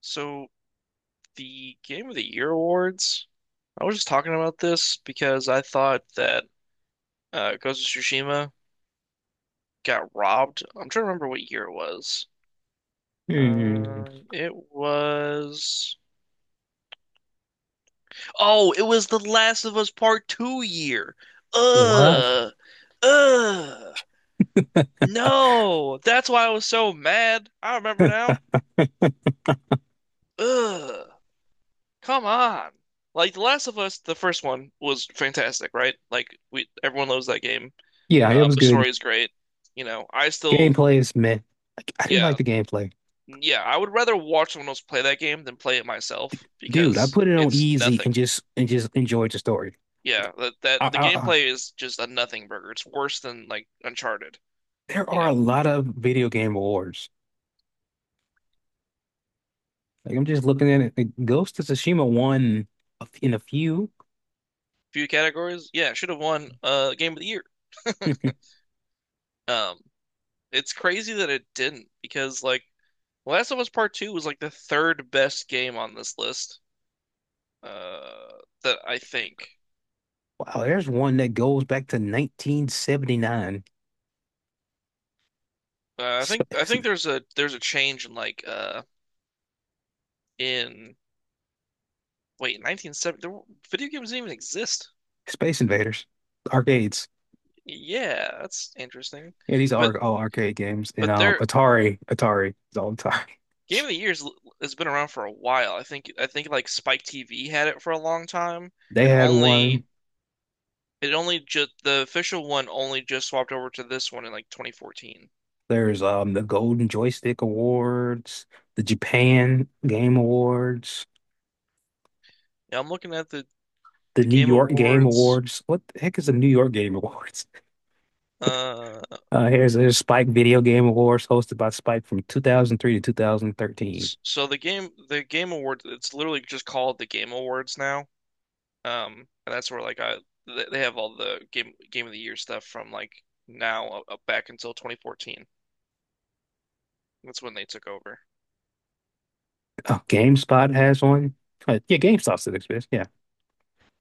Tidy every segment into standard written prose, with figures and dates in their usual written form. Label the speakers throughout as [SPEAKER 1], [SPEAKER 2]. [SPEAKER 1] So the Game of the Year awards, I was just talking about this because I thought that Ghost of Tsushima got robbed. I'm trying to remember what year it was.
[SPEAKER 2] Hmm.
[SPEAKER 1] Um, it was. Oh, it was The Last of Us Part Two year.
[SPEAKER 2] What?
[SPEAKER 1] Ugh, ugh. No, that's why I was so mad. I remember now. Ugh, come on. Like The Last of Us, the first one was fantastic, right? Everyone loves that game.
[SPEAKER 2] Yeah, it was
[SPEAKER 1] The story
[SPEAKER 2] good.
[SPEAKER 1] is great. You know, I still,
[SPEAKER 2] Gameplay is meh. I didn't
[SPEAKER 1] yeah,
[SPEAKER 2] like the gameplay.
[SPEAKER 1] yeah, I would rather watch someone else play that game than play it myself
[SPEAKER 2] Dude, I
[SPEAKER 1] because
[SPEAKER 2] put it on
[SPEAKER 1] it's
[SPEAKER 2] easy
[SPEAKER 1] nothing.
[SPEAKER 2] and just enjoyed the story.
[SPEAKER 1] Yeah, that
[SPEAKER 2] I,
[SPEAKER 1] the
[SPEAKER 2] I, I-
[SPEAKER 1] gameplay is just a nothing burger. It's worse than like Uncharted,
[SPEAKER 2] there
[SPEAKER 1] you
[SPEAKER 2] are a
[SPEAKER 1] know.
[SPEAKER 2] lot of video game awards. Like I'm just looking at it. Like, Ghost of Tsushima won in a few.
[SPEAKER 1] Few categories, yeah, should have won Game of the Year. Um, it's crazy that it didn't because like Last of Us Part Two was like the third best game on this list. Uh, that I think.
[SPEAKER 2] Wow, there's one that goes back to 1979.
[SPEAKER 1] I think I
[SPEAKER 2] Space,
[SPEAKER 1] think there's a change in like in Wait, 1970, video games didn't even exist.
[SPEAKER 2] Space Invaders, arcades.
[SPEAKER 1] Yeah, that's interesting.
[SPEAKER 2] Yeah, these
[SPEAKER 1] But
[SPEAKER 2] are all arcade games. And
[SPEAKER 1] but their
[SPEAKER 2] Atari, it's all Atari.
[SPEAKER 1] Game of the Year's has been around for a while. I think like Spike TV had it for a long time.
[SPEAKER 2] They
[SPEAKER 1] It
[SPEAKER 2] had
[SPEAKER 1] only
[SPEAKER 2] one.
[SPEAKER 1] it only just, the official one only just swapped over to this one in like 2014.
[SPEAKER 2] There's the Golden Joystick Awards, the Japan Game Awards,
[SPEAKER 1] Yeah, I'm looking at the
[SPEAKER 2] the
[SPEAKER 1] the
[SPEAKER 2] New
[SPEAKER 1] Game
[SPEAKER 2] York Game
[SPEAKER 1] Awards.
[SPEAKER 2] Awards. What the heck is the New York Game Awards?
[SPEAKER 1] Uh,
[SPEAKER 2] Here's there's Spike Video Game Awards hosted by Spike from 2003 to 2013.
[SPEAKER 1] so the Game Awards, it's literally just called the Game Awards now. And that's where like they have all the game of the year stuff from like now up back until 2014. That's when they took over.
[SPEAKER 2] Oh, GameSpot has one. Yeah, GameStop still exists. Yeah,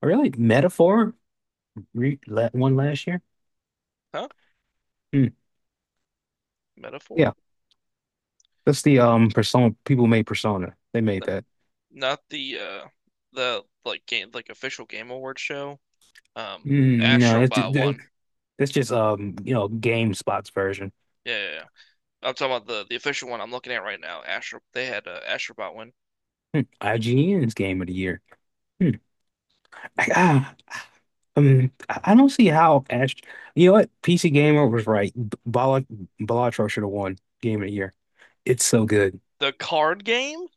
[SPEAKER 2] really? Metaphor re la one last year.
[SPEAKER 1] Huh?
[SPEAKER 2] Hmm. Yeah,
[SPEAKER 1] Metaphor?
[SPEAKER 2] that's the Persona people made Persona. They made
[SPEAKER 1] No,
[SPEAKER 2] that.
[SPEAKER 1] not the the like game like official game award show. Um,
[SPEAKER 2] Mm, no, that's
[SPEAKER 1] Astrobot
[SPEAKER 2] just,
[SPEAKER 1] won.
[SPEAKER 2] that's just you know GameSpot's version.
[SPEAKER 1] Yeah, yeah, yeah. I'm talking about the official one I'm looking at right now. Astro They had Astrobot win.
[SPEAKER 2] Hmm. IGN's game of the year. Hmm. I, ah, I don't see how Ash. You know what? PC Gamer was right. Balatro should have won game of the year. It's so good.
[SPEAKER 1] The card game?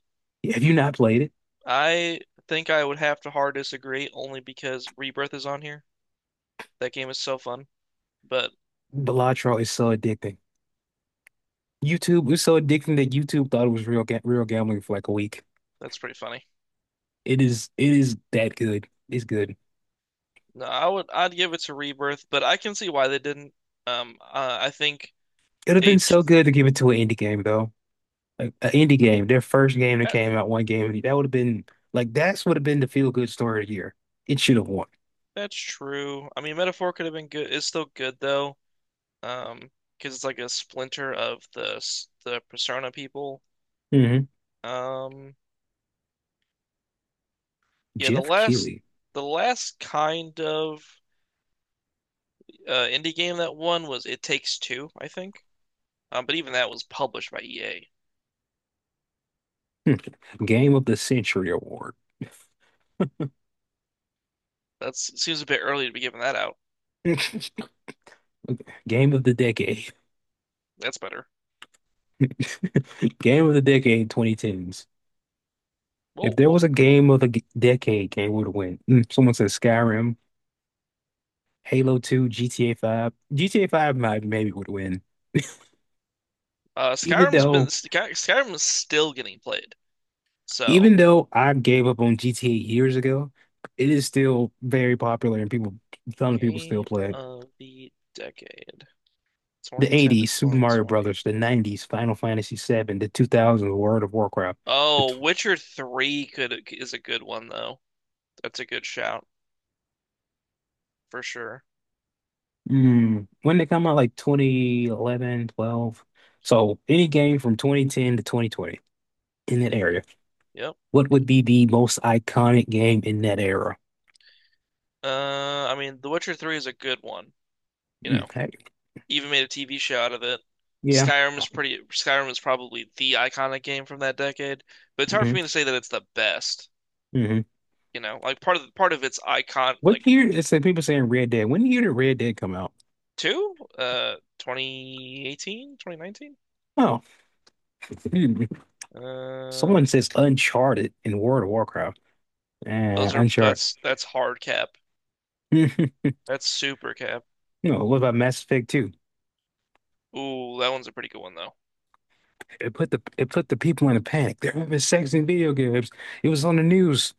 [SPEAKER 2] Have you not played it?
[SPEAKER 1] I think I would have to hard disagree only because Rebirth is on here. That game is so fun, but
[SPEAKER 2] Balatro is so addicting. YouTube was so addicting that YouTube thought it was real gambling for like a week.
[SPEAKER 1] that's pretty funny.
[SPEAKER 2] It is. It is that good. It's good.
[SPEAKER 1] No, I'd give it to Rebirth, but I can see why they didn't. I think
[SPEAKER 2] It'd have been
[SPEAKER 1] they
[SPEAKER 2] so good to give it to an indie game though. Like an indie game, their first game that
[SPEAKER 1] that,
[SPEAKER 2] came out, one game that would have been like that's would have been the feel good story of the year. It should have won.
[SPEAKER 1] that's true. I mean, Metaphor could have been good. It's still good though. Um, because it's like a splinter of the Persona people.
[SPEAKER 2] Hmm
[SPEAKER 1] Um, yeah, the
[SPEAKER 2] Jeff
[SPEAKER 1] last
[SPEAKER 2] Keighley,
[SPEAKER 1] the last kind of indie game that won was It Takes Two, I think. But even that was published by EA.
[SPEAKER 2] Game of the Century Award.
[SPEAKER 1] That's, it seems a bit early to be giving that out.
[SPEAKER 2] Game of the Decade.
[SPEAKER 1] That's better.
[SPEAKER 2] Game of the Decade 2010s.
[SPEAKER 1] Well,
[SPEAKER 2] If there
[SPEAKER 1] what,
[SPEAKER 2] was a game of the g- decade, game would have win. Mm, someone said Skyrim, Halo 2, GTA 5. GTA 5 might maybe would win. Even though,
[SPEAKER 1] Skyrim is still getting played. So,
[SPEAKER 2] even though I gave up on GTA years ago, it is still very popular and a ton of people still
[SPEAKER 1] game
[SPEAKER 2] play it.
[SPEAKER 1] of the decade,
[SPEAKER 2] The
[SPEAKER 1] 2010
[SPEAKER 2] 80s,
[SPEAKER 1] to
[SPEAKER 2] Super Mario
[SPEAKER 1] 2020.
[SPEAKER 2] Brothers, the 90s, Final Fantasy 7, the 2000s, World of Warcraft. The
[SPEAKER 1] Oh, Witcher 3 could is a good one though. That's a good shout for sure.
[SPEAKER 2] Mm, when they come out like 2011, 12. So any game from 2010 to 2020 in that area.
[SPEAKER 1] Yep.
[SPEAKER 2] What would be the most iconic game in that era?
[SPEAKER 1] I mean, The Witcher 3 is a good one, you
[SPEAKER 2] Mm,
[SPEAKER 1] know.
[SPEAKER 2] heck,
[SPEAKER 1] Even made a TV show out of it.
[SPEAKER 2] yeah.
[SPEAKER 1] Skyrim is probably the iconic game from that decade, but it's hard for
[SPEAKER 2] hmm
[SPEAKER 1] me to say that it's the best,
[SPEAKER 2] hmm
[SPEAKER 1] you know. Like part of its icon like
[SPEAKER 2] What year is said people saying Red Dead? When year did Red Dead come out?
[SPEAKER 1] 2 2018, 2019,
[SPEAKER 2] Oh, hmm.
[SPEAKER 1] Uh
[SPEAKER 2] Someone says Uncharted in World of Warcraft.
[SPEAKER 1] Those are
[SPEAKER 2] Uncharted.
[SPEAKER 1] that's hard cap. That's super cap.
[SPEAKER 2] No, what about Mass Effect 2?
[SPEAKER 1] Ooh, that one's a pretty good one though.
[SPEAKER 2] It put the people in a panic. They're having sex in video games. It was on the news.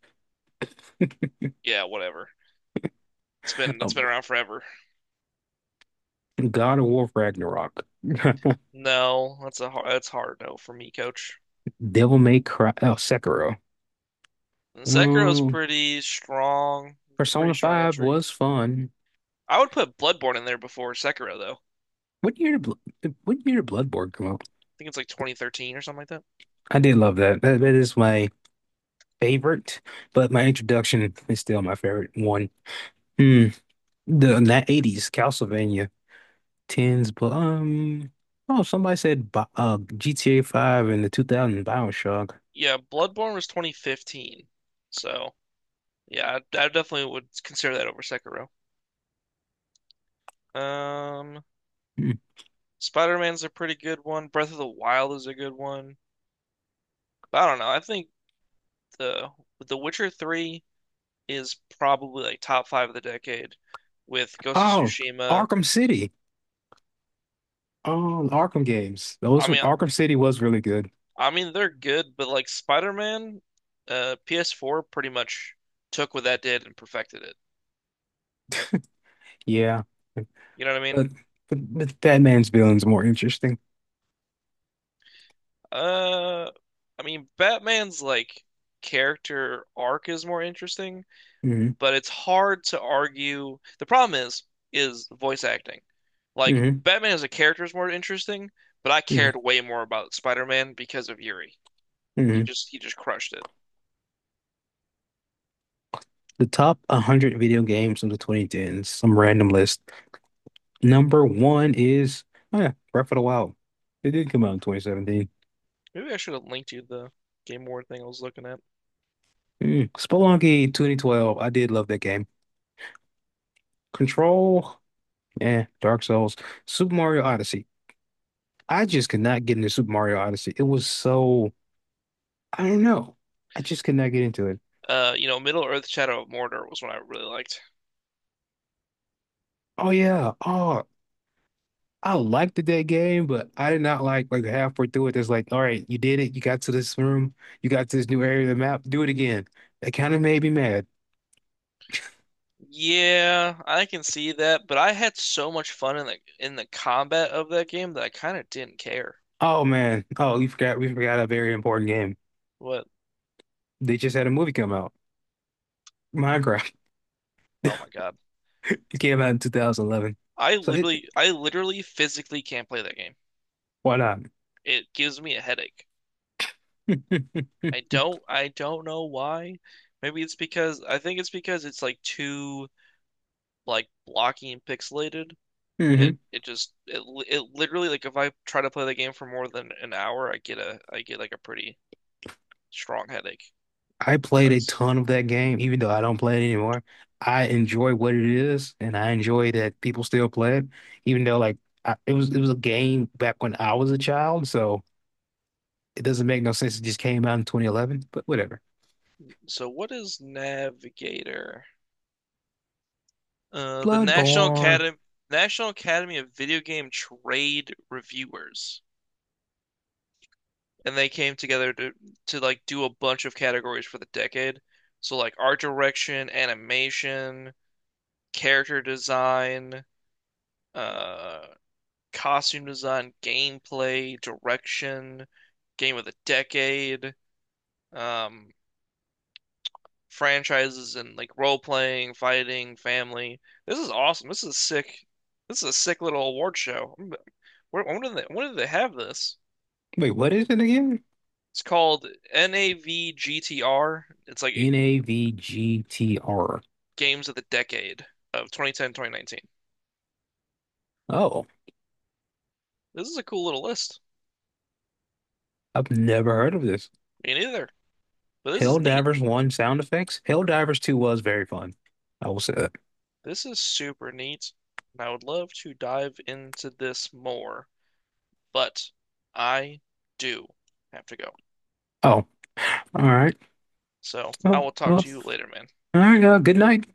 [SPEAKER 1] Yeah, whatever. It's been it's
[SPEAKER 2] Oh,
[SPEAKER 1] been around forever.
[SPEAKER 2] God of War Ragnarok.
[SPEAKER 1] No, that's hard no for me, coach.
[SPEAKER 2] Devil May Cry. Oh, Sekiro.
[SPEAKER 1] And Sekiro's
[SPEAKER 2] Um,
[SPEAKER 1] pretty strong. It's a pretty
[SPEAKER 2] Persona
[SPEAKER 1] strong
[SPEAKER 2] 5
[SPEAKER 1] entry.
[SPEAKER 2] was fun.
[SPEAKER 1] I would put Bloodborne in there before Sekiro though. I
[SPEAKER 2] What year did Bloodborne come out?
[SPEAKER 1] think it's like 2013 or something like that.
[SPEAKER 2] I did love that. That is my favorite, but my introduction is still my favorite one. Hmm. The in that 80s Castlevania, 10s, but oh somebody said GTA 5 and the 2000 BioShock.
[SPEAKER 1] Yeah, Bloodborne was 2015. So, yeah, I definitely would consider that over Sekiro. Um,
[SPEAKER 2] Hmm.
[SPEAKER 1] Spider-Man's a pretty good one. Breath of the Wild is a good one. But I don't know. I think the the Witcher 3 is probably like top five of the decade with Ghost of
[SPEAKER 2] Oh,
[SPEAKER 1] Tsushima.
[SPEAKER 2] Arkham City. Oh, Arkham games.
[SPEAKER 1] I mean,
[SPEAKER 2] Arkham City was really good.
[SPEAKER 1] I mean they're good, but like Spider-Man, PS4 pretty much took what that did and perfected it.
[SPEAKER 2] Yeah.
[SPEAKER 1] You know what I mean?
[SPEAKER 2] But but Batman's villain's more interesting.
[SPEAKER 1] Uh, I mean Batman's like character arc is more interesting,
[SPEAKER 2] Hmm
[SPEAKER 1] but it's hard to argue. The problem is voice acting. Like
[SPEAKER 2] hmm
[SPEAKER 1] Batman as a character is more interesting, but I
[SPEAKER 2] hmm
[SPEAKER 1] cared way more about Spider-Man because of Yuri.
[SPEAKER 2] hmm
[SPEAKER 1] He just crushed it.
[SPEAKER 2] The top 100 video games of the 2010s, some random list. Number one is, oh yeah, Breath of the Wild. It did come out in 2017.
[SPEAKER 1] Maybe I should have linked you the Game Award thing I was looking at.
[SPEAKER 2] Mm. Spelunky 2012. I did love that game. Control, yeah, Dark Souls. Super Mario Odyssey. I just could not get into Super Mario Odyssey. It was so, I don't know. I just could not get into it.
[SPEAKER 1] You know, Middle Earth: Shadow of Mordor was one I really liked.
[SPEAKER 2] Oh yeah. Oh, I liked the dead game, but I did not like halfway through it. It's like, all right, you did it. You got to this room. You got to this new area of the map. Do it again. That kind of made me mad.
[SPEAKER 1] Yeah, I can see that, but I had so much fun in the combat of that game that I kind of didn't care.
[SPEAKER 2] Oh man. Oh, we forgot. We forgot a very important game.
[SPEAKER 1] What?
[SPEAKER 2] They just had a movie come out. Minecraft.
[SPEAKER 1] Oh my God.
[SPEAKER 2] It came out in 2011. So it,
[SPEAKER 1] I literally physically can't play that game.
[SPEAKER 2] why not?
[SPEAKER 1] It gives me a headache. I don't know why. Maybe it's because, I think it's because it's like too like blocky and pixelated. It
[SPEAKER 2] hmm
[SPEAKER 1] it just it li- it literally, like, if I try to play the game for more than an hour, I get a I get like a pretty strong headache.
[SPEAKER 2] I
[SPEAKER 1] It
[SPEAKER 2] played a
[SPEAKER 1] sucks.
[SPEAKER 2] ton of that game, even though I don't play it anymore. I enjoy what it is, and I enjoy that people still play it, even though it was a game back when I was a child. So. It doesn't make no sense. It just came out in 2011, but whatever.
[SPEAKER 1] So what is Navigator? The National
[SPEAKER 2] Bloodborne.
[SPEAKER 1] Academy National Academy of Video Game Trade Reviewers, and they came together to like do a bunch of categories for the decade. So like art direction, animation, character design, uh, costume design, gameplay, direction, game of the decade, um, franchises, and like role playing, fighting, family. This is awesome. This is sick. This is a sick little award show. I'm- when did they have this?
[SPEAKER 2] Wait, what is it again?
[SPEAKER 1] It's called NAVGTR. It's like
[SPEAKER 2] N-A-V-G-T-R.
[SPEAKER 1] games of the decade of 2010 2019.
[SPEAKER 2] Oh,
[SPEAKER 1] This is a cool little list.
[SPEAKER 2] I've never heard of this.
[SPEAKER 1] Me neither, but this is neat.
[SPEAKER 2] Helldivers 1 sound effects. Helldivers 2 was very fun. I will say that.
[SPEAKER 1] This is super neat, and I would love to dive into this more, but I do have to go.
[SPEAKER 2] Oh, all right.
[SPEAKER 1] So I
[SPEAKER 2] Oh,
[SPEAKER 1] will talk
[SPEAKER 2] well,
[SPEAKER 1] to you later, man.
[SPEAKER 2] all right. Good night.